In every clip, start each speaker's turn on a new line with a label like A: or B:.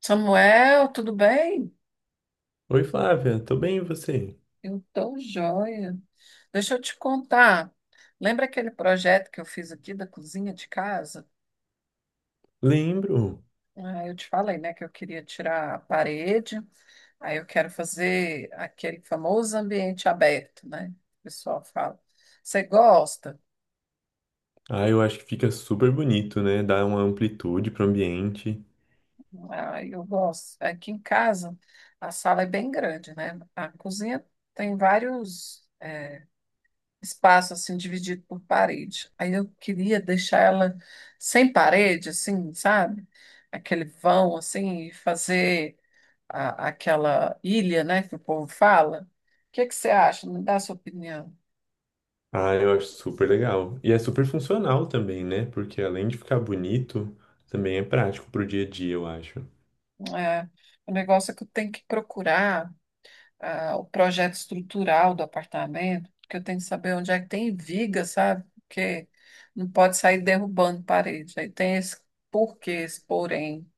A: Samuel, tudo bem?
B: Oi, Flávia, tô bem, e você?
A: Eu tô joia. Deixa eu te contar. Lembra aquele projeto que eu fiz aqui da cozinha de casa?
B: Lembro.
A: Ah, eu te falei, né, que eu queria tirar a parede. Aí eu quero fazer aquele famoso ambiente aberto, né? O pessoal fala. Você gosta?
B: Ah, eu acho que fica super bonito, né? Dá uma amplitude pro ambiente.
A: Ah, eu gosto. Aqui em casa, a sala é bem grande, né? A cozinha tem vários. Espaço assim dividido por parede. Aí eu queria deixar ela sem parede, assim, sabe? Aquele vão assim e fazer aquela ilha, né, que o povo fala. O que que você acha? Me dá a sua opinião.
B: Ah, eu acho super legal. E é super funcional também, né? Porque além de ficar bonito, também é prático pro dia a dia, eu acho.
A: É, o negócio é que eu tenho que procurar o projeto estrutural do apartamento, porque eu tenho que saber onde é que tem viga, sabe? Porque não pode sair derrubando parede. Aí tem esse porquê, esse porém.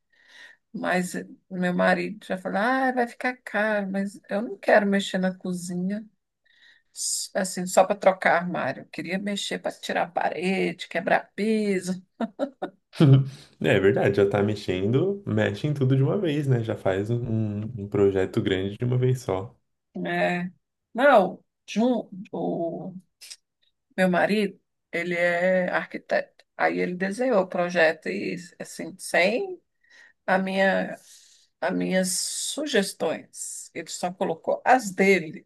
A: Mas meu marido já falou: ah, vai ficar caro, mas eu não quero mexer na cozinha, assim, só para trocar armário. Eu queria mexer para tirar a parede, quebrar piso.
B: É verdade, já tá mexendo, mexe em tudo de uma vez, né? Já faz um projeto grande de uma vez só.
A: Né? Não, Jun, o meu marido, ele é arquiteto. Aí ele desenhou o projeto e, assim, sem a minha, as minhas sugestões. Ele só colocou as dele.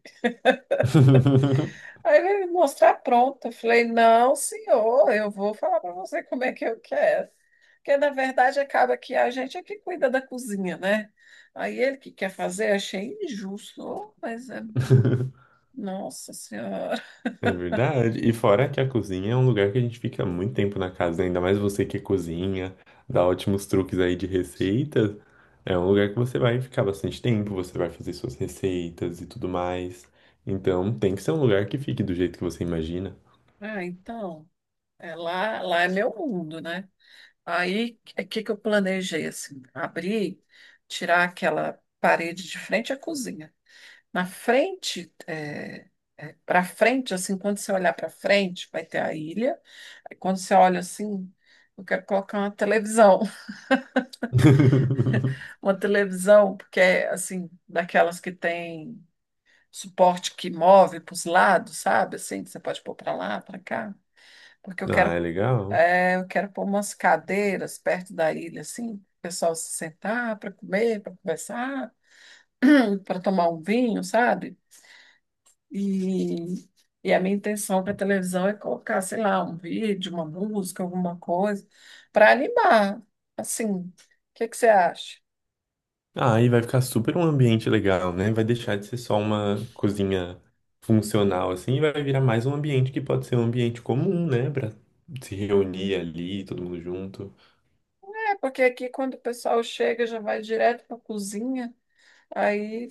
A: Aí ele me mostrar pronta. Eu falei, não, senhor, eu vou falar para você como é que eu quero. Porque, na verdade, acaba que a gente é que cuida da cozinha, né? Aí ele que quer fazer, achei injusto, ô, mas é... Nossa Senhora.
B: É verdade. E fora que a cozinha é um lugar que a gente fica muito tempo na casa, né? Ainda mais você que cozinha, dá ótimos truques aí de receitas. É um lugar que você vai ficar bastante tempo, você vai fazer suas receitas e tudo mais. Então tem que ser um lugar que fique do jeito que você imagina.
A: Ah, então, é lá, lá é meu mundo, né? Aí, o que que eu planejei, assim? Abrir, tirar aquela parede de frente à cozinha. Na frente, para frente, assim, quando você olhar para frente, vai ter a ilha. Aí quando você olha assim, eu quero colocar uma televisão. Uma televisão, porque é, assim, daquelas que tem suporte que move para os lados, sabe? Assim, que você pode pôr para lá, para cá. Porque eu
B: Ah,
A: quero,
B: é legal.
A: é, eu quero pôr umas cadeiras perto da ilha, assim, o pessoal se sentar para comer, para conversar, para tomar um vinho, sabe? E, e a minha intenção para a televisão é colocar, sei lá, um vídeo, uma música, alguma coisa, para animar. Assim, o que que você acha?
B: Ah, e vai ficar super um ambiente legal, né? Vai deixar de ser só uma cozinha funcional assim, e vai virar mais um ambiente que pode ser um ambiente comum, né? Pra se reunir ali, todo mundo junto.
A: É, porque aqui quando o pessoal chega já vai direto para a cozinha, aí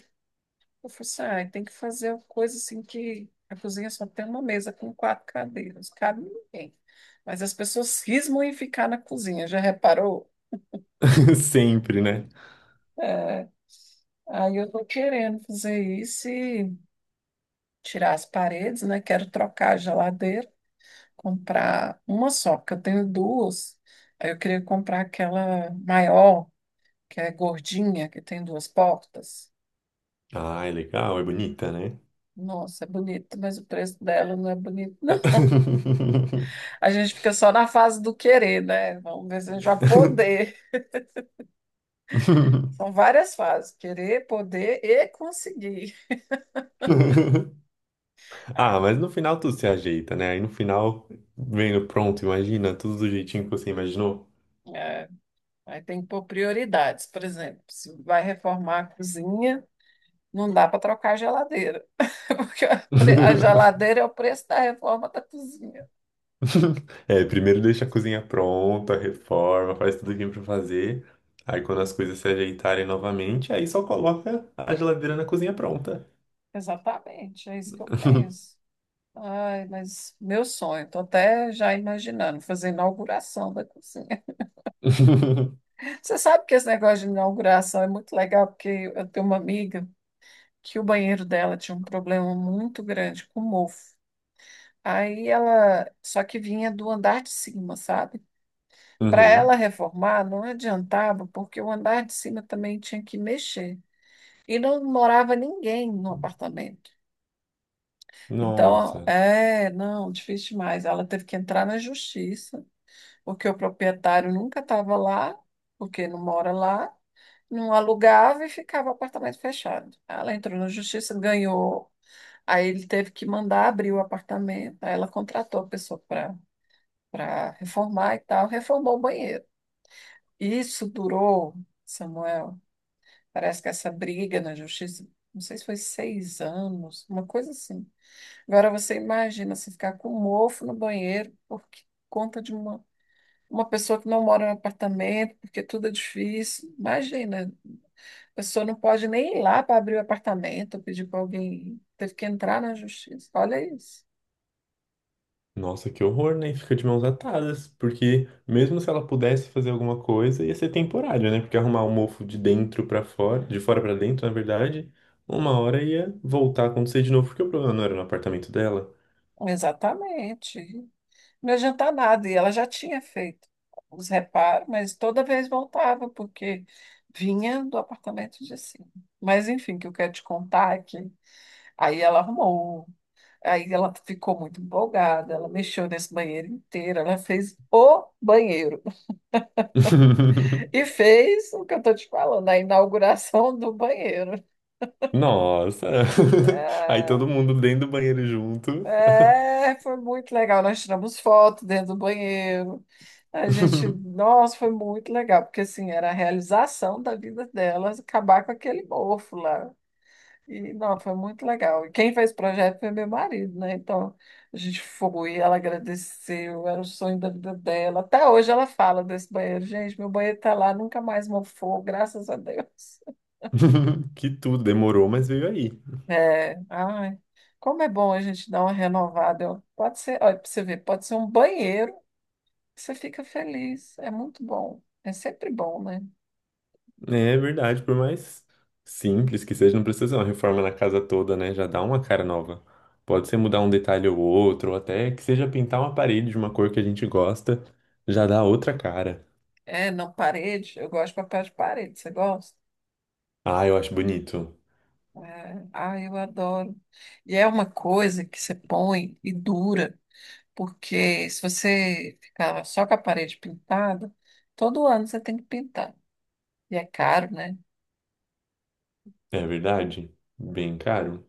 A: eu falei assim, ah, tem que fazer uma coisa assim que a cozinha só tem uma mesa com quatro cadeiras, cabe ninguém. Mas as pessoas cismam em ficar na cozinha, já reparou?
B: Sempre, né?
A: É, aí eu tô querendo fazer isso, tirar as paredes, né? Quero trocar a geladeira, comprar uma só, porque eu tenho duas. Aí eu queria comprar aquela maior, que é gordinha, que tem duas portas.
B: Ah, é legal, é bonita, né?
A: Nossa, é bonita, mas o preço dela não é bonito, não. A gente fica só na fase do querer, né? Vamos ver se a gente vai poder. São várias fases: querer, poder e conseguir. É,
B: Ah, mas no final tudo se ajeita, né? Aí no final, vendo pronto, imagina, tudo do jeitinho que você imaginou.
A: é, Aí tem que pôr prioridades. Por exemplo, se vai reformar a cozinha. Não dá para trocar a geladeira, porque a geladeira é o preço da reforma da cozinha.
B: É, primeiro deixa a cozinha pronta, reforma, faz tudo que tem pra fazer. Aí quando as coisas se ajeitarem novamente, aí só coloca a geladeira na cozinha pronta.
A: Exatamente, é isso que eu penso. Ai, mas meu sonho, estou até já imaginando fazer inauguração da cozinha. Você sabe que esse negócio de inauguração é muito legal, porque eu tenho uma amiga que o banheiro dela tinha um problema muito grande com mofo. Aí ela, só que vinha do andar de cima, sabe? Para
B: Uhum.
A: ela reformar, não adiantava, porque o andar de cima também tinha que mexer. E não morava ninguém no apartamento. Então,
B: Nossa.
A: é, não, difícil demais. Ela teve que entrar na justiça, porque o proprietário nunca estava lá, porque não mora lá, não alugava e ficava o apartamento fechado. Ela entrou na justiça, ganhou. Aí ele teve que mandar abrir o apartamento. Aí ela contratou a pessoa para reformar e tal, reformou o banheiro. Isso durou, Samuel, parece que essa briga na justiça, não sei se foi 6 anos, uma coisa assim. Agora você imagina se ficar com um mofo no banheiro por conta de uma pessoa que não mora no apartamento, porque tudo é difícil. Imagina, a pessoa não pode nem ir lá para abrir o apartamento, ou pedir para alguém ir. Teve que entrar na justiça. Olha isso.
B: Nossa, que horror, né? Fica de mãos atadas, porque mesmo se ela pudesse fazer alguma coisa, ia ser temporário, né? Porque arrumar o mofo de dentro pra fora, de fora pra dentro, na verdade, uma hora ia voltar a acontecer de novo, porque o problema não era no apartamento dela.
A: Exatamente. Não adianta nada. E ela já tinha feito os reparos, mas toda vez voltava, porque vinha do apartamento de cima. Mas enfim, o que eu quero te contar é que aí ela arrumou. Aí ela ficou muito empolgada, ela mexeu nesse banheiro inteiro, ela fez o banheiro e fez o que eu estou te falando, a inauguração do banheiro.
B: Nossa! Aí
A: É,
B: todo mundo dentro do banheiro junto.
A: foi muito legal. Nós tiramos foto dentro do banheiro. A gente, nossa, foi muito legal, porque assim, era a realização da vida dela acabar com aquele mofo lá. E, não, foi muito legal. E quem fez o projeto foi meu marido, né? Então, a gente foi, ela agradeceu, era o sonho da vida dela. Até hoje ela fala desse banheiro. Gente, meu banheiro tá lá, nunca mais mofou, graças a Deus.
B: Que tudo, demorou, mas veio aí.
A: É, ai, como é bom a gente dar uma renovada. Ó. Pode ser, olha, pra você ver, pode ser um banheiro que você fica feliz. É muito bom. É sempre bom, né?
B: É verdade, por mais simples que seja, não precisa ser uma reforma na casa toda, né? Já dá uma cara nova. Pode ser mudar um detalhe ou outro, ou até que seja pintar uma parede de uma cor que a gente gosta, já dá outra cara.
A: É, não, parede, eu gosto de papel de parede. Você gosta?
B: Ah, eu acho bonito.
A: É, ah, eu adoro. E é uma coisa que você põe e dura, porque se você ficar só com a parede pintada, todo ano você tem que pintar. E é caro, né?
B: É verdade? Bem caro.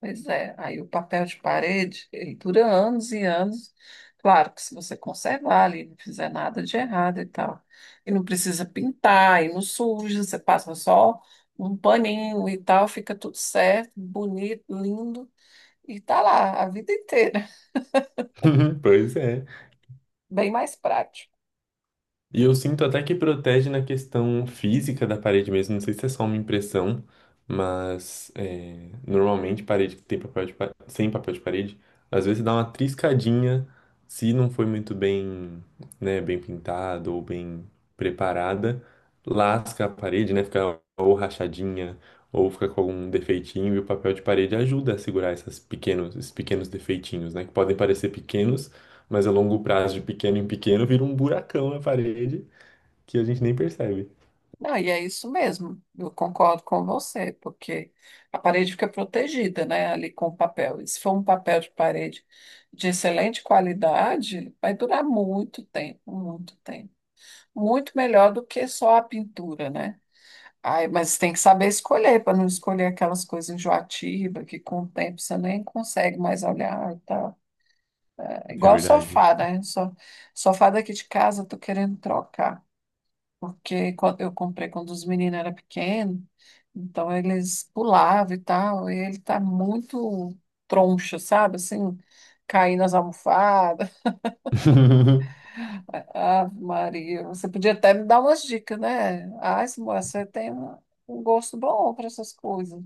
A: Pois é. Aí o papel de parede, ele dura anos e anos. Claro que se você conservar ali, não fizer nada de errado e tal. E não precisa pintar, e não suja, você passa só um paninho e tal, fica tudo certo, bonito, lindo, e tá lá a vida inteira.
B: Pois é.
A: Bem mais prático.
B: E eu sinto até que protege na questão física da parede mesmo. Não sei se é só uma impressão, mas é, normalmente parede que tem sem papel de parede, às vezes dá uma triscadinha se não foi muito bem, né, bem pintado ou bem preparada, lasca a parede, né, fica ou rachadinha ou fica com algum defeitinho e o papel de parede ajuda a segurar esses pequenos defeitinhos, né, que podem parecer pequenos, mas a longo prazo, de pequeno em pequeno, vira um buracão na parede que a gente nem percebe.
A: Não, e é isso mesmo, eu concordo com você, porque a parede fica protegida, né, ali com o papel. E se for um papel de parede de excelente qualidade, vai durar muito tempo, muito tempo. Muito melhor do que só a pintura, né? Ai, mas tem que saber escolher, para não escolher aquelas coisas enjoativas que com o tempo você nem consegue mais olhar e tal. É
B: É
A: igual
B: verdade.
A: sofá, né? Sofá daqui de casa, eu tô querendo trocar. Porque quando eu comprei quando os meninos eram pequenos, então eles pulavam e tal, e ele tá muito troncho, sabe? Assim, caindo nas almofadas. Ah, Maria, você podia até me dar umas dicas, né? Ai, moça, você tem um gosto bom para essas coisas.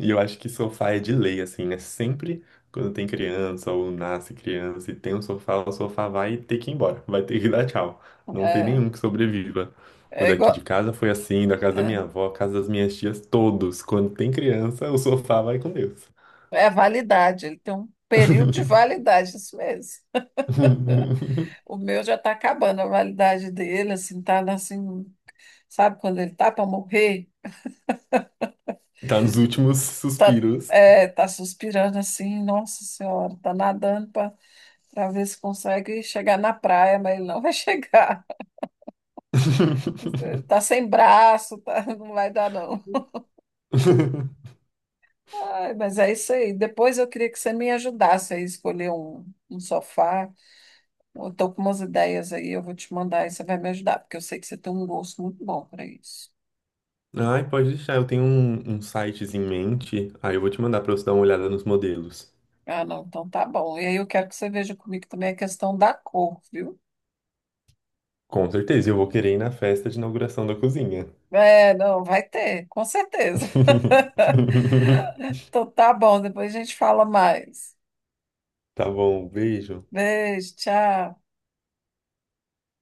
B: E eu acho que sofá é de lei, assim, né? Sempre quando tem criança ou nasce criança e tem um sofá, o sofá vai ter que ir embora, vai ter que dar tchau. Não tem
A: É,
B: nenhum que sobreviva. O
A: é
B: daqui de
A: igual,
B: casa foi assim, da casa da
A: é,
B: minha avó, casa das minhas tias, todos. Quando tem criança, o sofá vai com Deus.
A: é a validade, ele tem um período de validade, isso mesmo. O meu já está acabando a validade dele, assim, tá assim, sabe quando ele tá para morrer?
B: Tá nos últimos
A: Tá,
B: suspiros.
A: é, tá suspirando assim, nossa senhora, tá nadando para ver se consegue chegar na praia, mas ele não vai chegar. Tá sem braço, tá, não vai dar não. Ai, mas é isso aí. Depois eu queria que você me ajudasse aí a escolher um sofá. Eu tô com umas ideias aí, eu vou te mandar e você vai me ajudar, porque eu sei que você tem um gosto muito bom para isso.
B: Ai, pode deixar. Eu tenho um sites em mente. Aí eu vou te mandar pra você dar uma olhada nos modelos.
A: Ah, não, então tá bom. E aí eu quero que você veja comigo também a questão da cor, viu?
B: Com certeza, eu vou querer ir na festa de inauguração da cozinha.
A: É, não, vai ter, com certeza. Então tá bom, depois a gente fala mais.
B: Tá bom, beijo.
A: Beijo, tchau.